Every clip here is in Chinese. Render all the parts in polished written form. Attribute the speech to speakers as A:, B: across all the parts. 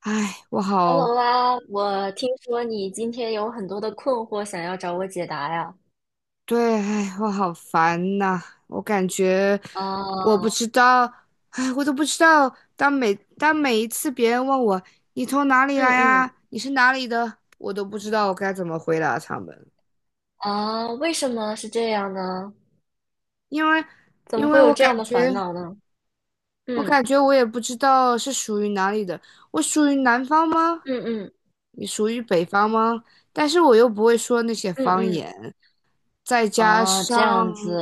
A: 唉，我
B: Hello
A: 好，
B: 啊，我听说你今天有很多的困惑想要找我解答呀？
A: 对，唉，我好烦呐、我感觉我不
B: 啊，
A: 知道，唉，我都不知道。当每一次别人问我你从哪里
B: 嗯
A: 来
B: 嗯，
A: 啊，你是哪里的，我都不知道我该怎么回答他们，
B: 啊，为什么是这样呢？
A: 因为
B: 怎么
A: 因为
B: 会有
A: 我
B: 这
A: 感
B: 样的
A: 觉
B: 烦恼呢？
A: 我
B: 嗯
A: 感觉我也不知道是属于哪里的。我属于南方吗？
B: 嗯嗯
A: 你属于北方吗？但是我又不会说那些
B: 嗯
A: 方
B: 嗯，
A: 言。再加
B: 啊，
A: 上
B: 这样子，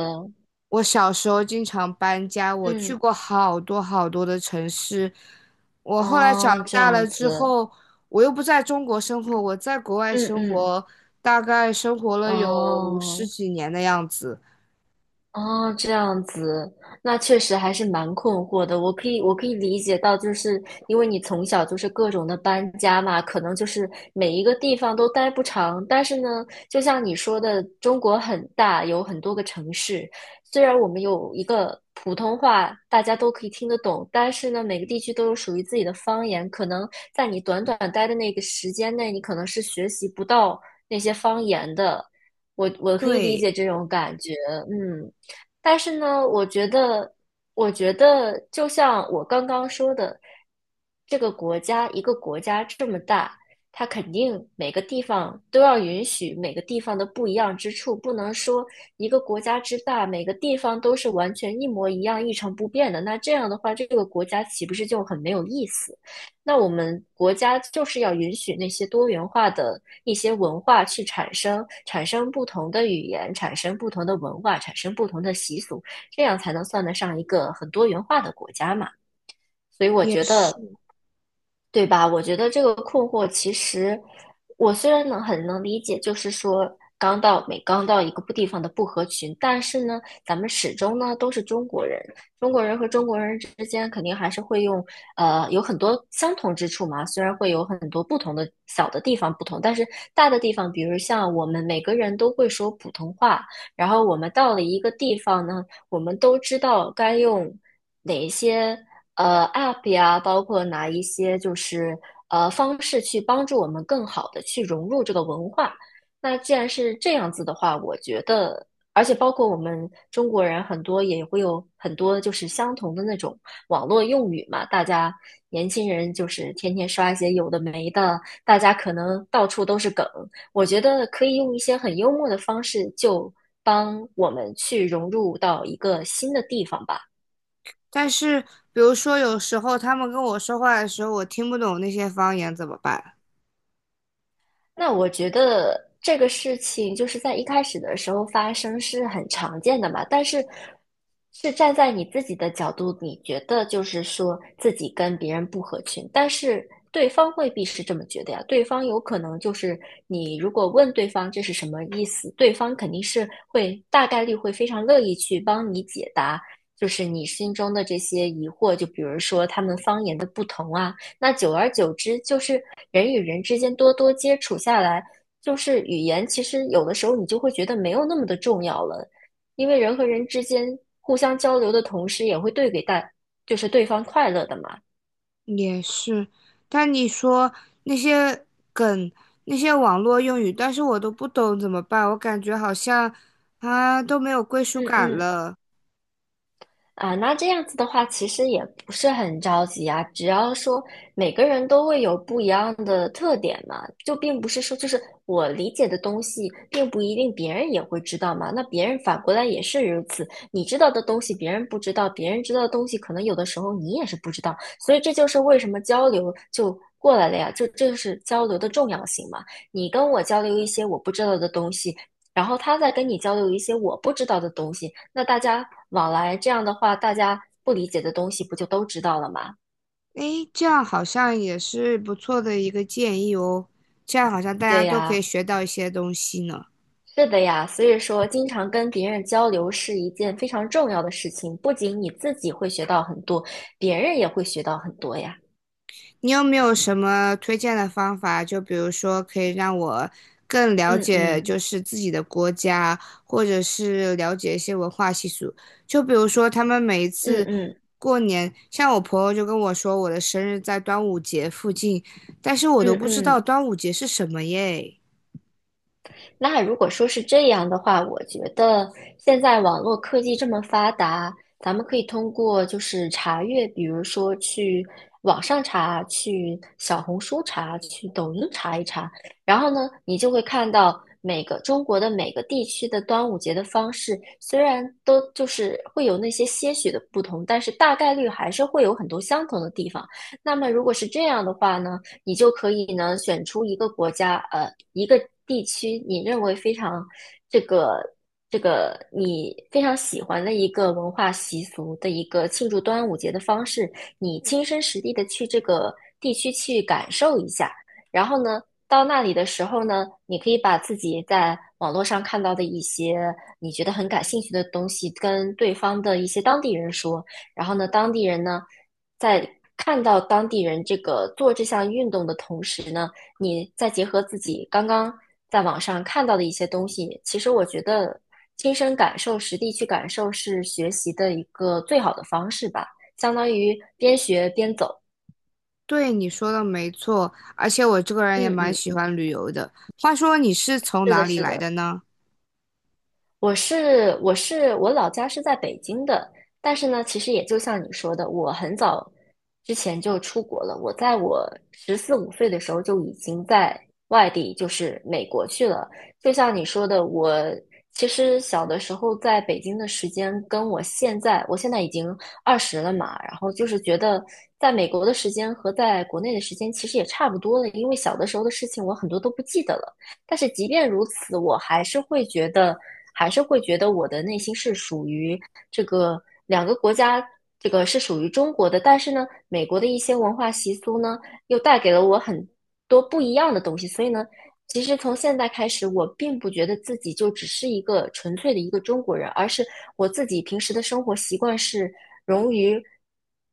A: 我小时候经常搬家，我去
B: 嗯，
A: 过好多好多的城市。我后来长
B: 哦，这
A: 大了
B: 样
A: 之
B: 子，
A: 后，我又不在中国生活，我在国外
B: 嗯
A: 生
B: 嗯，
A: 活，大概生活了有十
B: 哦，
A: 几年的样子。
B: 哦，这样子，那确实还是蛮困惑的。我可以理解到，就是因为你从小就是各种的搬家嘛，可能就是每一个地方都待不长。但是呢，就像你说的，中国很大，有很多个城市。虽然我们有一个普通话，大家都可以听得懂，但是呢，每个地区都有属于自己的方言。可能在你短短待的那个时间内，你可能是学习不到那些方言的。我可以理
A: 对，
B: 解这种感觉，嗯。但是呢，我觉得，我觉得就像我刚刚说的，这个国家，一个国家这么大，它肯定每个地方都要允许每个地方的不一样之处，不能说一个国家之大，每个地方都是完全一模一样、一成不变的。那这样的话，这个国家岂不是就很没有意思？那我们国家就是要允许那些多元化的一些文化去产生，产生不同的语言，产生不同的文化，产生不同的习俗，这样才能算得上一个很多元化的国家嘛。所以我
A: 也
B: 觉得
A: 是。
B: 对吧？我觉得这个困惑，其实我虽然能很能理解，就是说刚到一个不地方的不合群，但是呢，咱们始终呢都是中国人，中国人和中国人之间肯定还是会有很多相同之处嘛，虽然会有很多不同的小的地方不同，但是大的地方，比如像我们每个人都会说普通话，然后我们到了一个地方呢，我们都知道该用哪一些。App 呀，包括哪一些就是方式去帮助我们更好的去融入这个文化。那既然是这样子的话，我觉得，而且包括我们中国人很多也会有很多就是相同的那种网络用语嘛，大家年轻人就是天天刷一些有的没的，大家可能到处都是梗。我觉得可以用一些很幽默的方式，就帮我们去融入到一个新的地方吧。
A: 但是，比如说有时候他们跟我说话的时候，我听不懂那些方言怎么办？
B: 那我觉得这个事情就是在一开始的时候发生是很常见的嘛，但是是站在你自己的角度，你觉得就是说自己跟别人不合群，但是对方未必是这么觉得呀。对方有可能就是你如果问对方这是什么意思，对方肯定是会大概率会非常乐意去帮你解答，就是你心中的这些疑惑，就比如说他们方言的不同啊。那久而久之，就是人与人之间多多接触下来，就是语言其实有的时候你就会觉得没有那么的重要了，因为人和人之间互相交流的同时，也会对给大，就是对方快乐的嘛。
A: 也是，但你说那些梗、那些网络用语，但是我都不懂怎么办？我感觉好像啊都没有归属
B: 嗯
A: 感
B: 嗯
A: 了。
B: 啊，那这样子的话，其实也不是很着急啊。只要说每个人都会有不一样的特点嘛，就并不是说就是我理解的东西，并不一定别人也会知道嘛。那别人反过来也是如此，你知道的东西别人不知道，别人知道的东西可能有的时候你也是不知道。所以这就是为什么交流就过来了呀，就这就是交流的重要性嘛。你跟我交流一些我不知道的东西，然后他再跟你交流一些我不知道的东西，那大家往来这样的话，大家不理解的东西不就都知道了吗？
A: 诶，这样好像也是不错的一个建议哦，这样好像大家
B: 对
A: 都可以
B: 呀，
A: 学到一些东西呢。
B: 是的呀，所以说经常跟别人交流是一件非常重要的事情，不仅你自己会学到很多，别人也会学到很多呀。
A: 你有没有什么推荐的方法？就比如说，可以让我更了
B: 嗯
A: 解
B: 嗯
A: 就是自己的国家，或者是了解一些文化习俗。就比如说，他们每一
B: 嗯
A: 次
B: 嗯
A: 过年，像我朋友就跟我说，我的生日在端午节附近，但是我
B: 嗯
A: 都
B: 嗯。
A: 不知
B: 嗯
A: 道
B: 嗯
A: 端午节是什么耶。
B: 那如果说是这样的话，我觉得现在网络科技这么发达，咱们可以通过就是查阅，比如说去网上查，去小红书查，去抖音查一查，然后呢，你就会看到每个中国的每个地区的端午节的方式，虽然都就是会有那些些许的不同，但是大概率还是会有很多相同的地方。那么如果是这样的话呢？你就可以呢选出一个国家，呃，一个地区，你认为非常这个这个你非常喜欢的一个文化习俗的一个庆祝端午节的方式，你亲身实地的去这个地区去感受一下，然后呢。到那里的时候呢，你可以把自己在网络上看到的一些你觉得很感兴趣的东西，跟对方的一些当地人说，然后呢，当地人呢，在看到当地人这个做这项运动的同时呢，你再结合自己刚刚在网上看到的一些东西，其实我觉得亲身感受、实地去感受是学习的一个最好的方式吧，相当于边学边走。
A: 对，你说的没错，而且我这个人也
B: 嗯
A: 蛮
B: 嗯，
A: 喜欢旅游的。话说，你是从
B: 是
A: 哪
B: 的，
A: 里
B: 是
A: 来
B: 的。
A: 的呢？
B: 我老家是在北京的，但是呢，其实也就像你说的，我很早之前就出国了。我十四五岁的时候就已经在外地，就是美国去了。就像你说的，我其实小的时候在北京的时间，跟我现在已经二十了嘛，然后就是觉得在美国的时间和在国内的时间其实也差不多了，因为小的时候的事情我很多都不记得了。但是即便如此，我还是会觉得，还是会觉得我的内心是属于这个两个国家，这个是属于中国的。但是呢，美国的一些文化习俗呢，又带给了我很多不一样的东西。所以呢，其实从现在开始，我并不觉得自己就只是一个纯粹的一个中国人，而是我自己平时的生活习惯是融于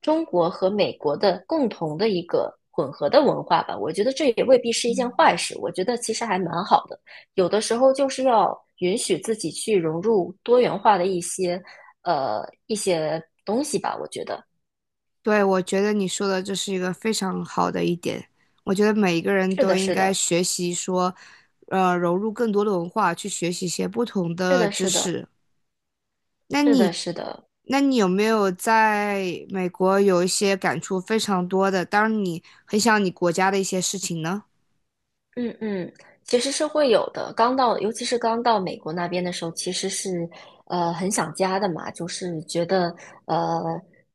B: 中国和美国的共同的一个混合的文化吧。我觉得这也未必是一件坏事，我觉得其实还蛮好的。有的时候就是要允许自己去融入多元化的一些一些东西吧。我觉得
A: 对，我觉得你说的这是一个非常好的一点。我觉得每一个人
B: 是
A: 都
B: 的，
A: 应
B: 是
A: 该
B: 的，
A: 学习说，融入更多的文化，去学习一些不同
B: 是
A: 的
B: 的，
A: 知
B: 是的，
A: 识。那
B: 是的，
A: 你，
B: 是的。
A: 那你有没有在美国有一些感触非常多的，当然你很想你国家的一些事情呢？
B: 嗯嗯，其实是会有的。刚到，尤其是刚到美国那边的时候，其实是很想家的嘛，就是觉得呃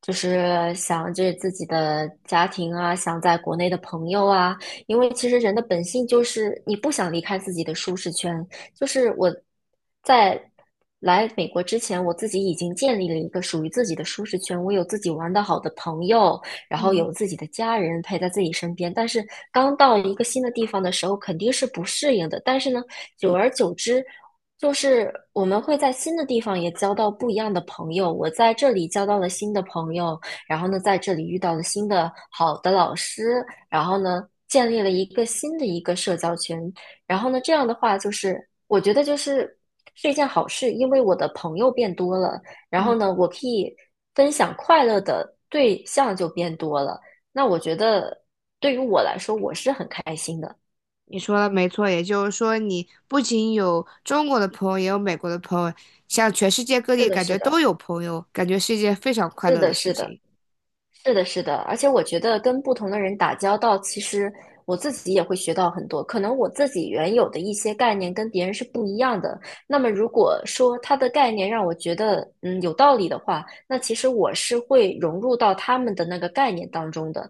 B: 就是想着自己的家庭啊，想在国内的朋友啊，因为其实人的本性就是你不想离开自己的舒适圈。就是我在来美国之前，我自己已经建立了一个属于自己的舒适圈，我有自己玩的好的朋友，然后
A: 嗯
B: 有自己的家人陪在自己身边。但是刚到一个新的地方的时候，肯定是不适应的。但是呢，久而久之，就是我们会在新的地方也交到不一样的朋友。我在这里交到了新的朋友，然后呢，在这里遇到了新的好的老师，然后呢，建立了一个新的一个社交圈。然后呢，这样的话就是，我觉得就是。是一件好事，因为我的朋友变多了，然后呢，
A: 嗯，
B: 我可以分享快乐的对象就变多了。那我觉得对于我来说，我是很开心的。
A: 你说的没错，也就是说，你不仅有中国的朋友，也有美国的朋友，像全世界各
B: 是
A: 地
B: 的，
A: 感
B: 是
A: 觉都
B: 的，
A: 有朋友，感觉是一件非常快
B: 是
A: 乐的
B: 的，
A: 事
B: 是的，
A: 情。
B: 是的，是的。而且我觉得跟不同的人打交道，其实我自己也会学到很多。可能我自己原有的一些概念跟别人是不一样的。那么如果说他的概念让我觉得有道理的话，那其实我是会融入到他们的那个概念当中的。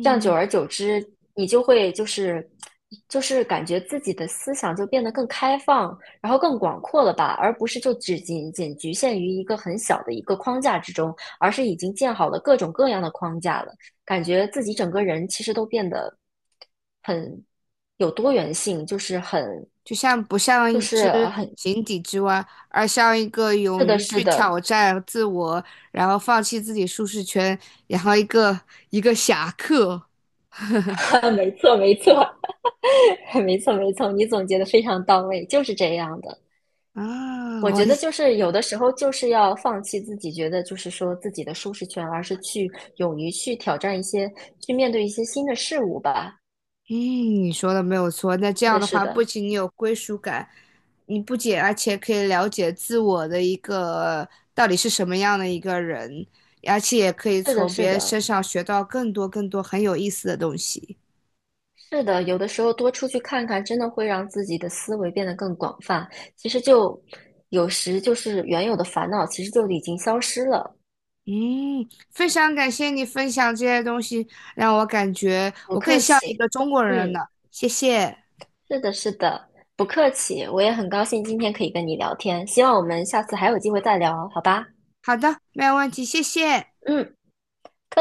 B: 这样久而久之，你就会就是感觉自己的思想就变得更开放，然后更广阔了吧，而不是就只仅仅局限于一个很小的一个框架之中，而是已经建好了各种各样的框架了，感觉自己整个人其实都变得很有多元性，就是很
A: 不像
B: 就
A: 一只
B: 是很
A: 井底之蛙，而像一个
B: 是
A: 勇
B: 的，
A: 于
B: 是
A: 去
B: 的，
A: 挑战自我，然后放弃自己舒适圈，然后一个侠客
B: 没错，没错，没错，没错，你总结的非常到位，就是这样的。
A: 啊！
B: 我觉得就是有的时候就是要放弃自己觉得就是说自己的舒适圈，而是去勇于去挑战一些，去面对一些新的事物吧。
A: 嗯，你说的没有错。那这
B: 是
A: 样
B: 的，
A: 的
B: 是
A: 话，不
B: 的，
A: 仅你有归属感，你不仅而且可以了解自我的一个到底是什么样的一个人，而且也可以
B: 是的，
A: 从别
B: 是
A: 人
B: 的，
A: 身上学到更多更多很有意思的东西。
B: 是的。有的时候多出去看看，真的会让自己的思维变得更广泛。其实就有时就是原有的烦恼，其实就已经消失了。
A: 嗯，非常感谢你分享这些东西，让我感觉
B: 不
A: 我更
B: 客
A: 像一
B: 气，
A: 个中国人
B: 嗯，
A: 了。谢谢。
B: 是的，是的，不客气。我也很高兴今天可以跟你聊天，希望我们下次还有机会再聊，好吧？
A: 好的，没有问题，谢谢。
B: 嗯。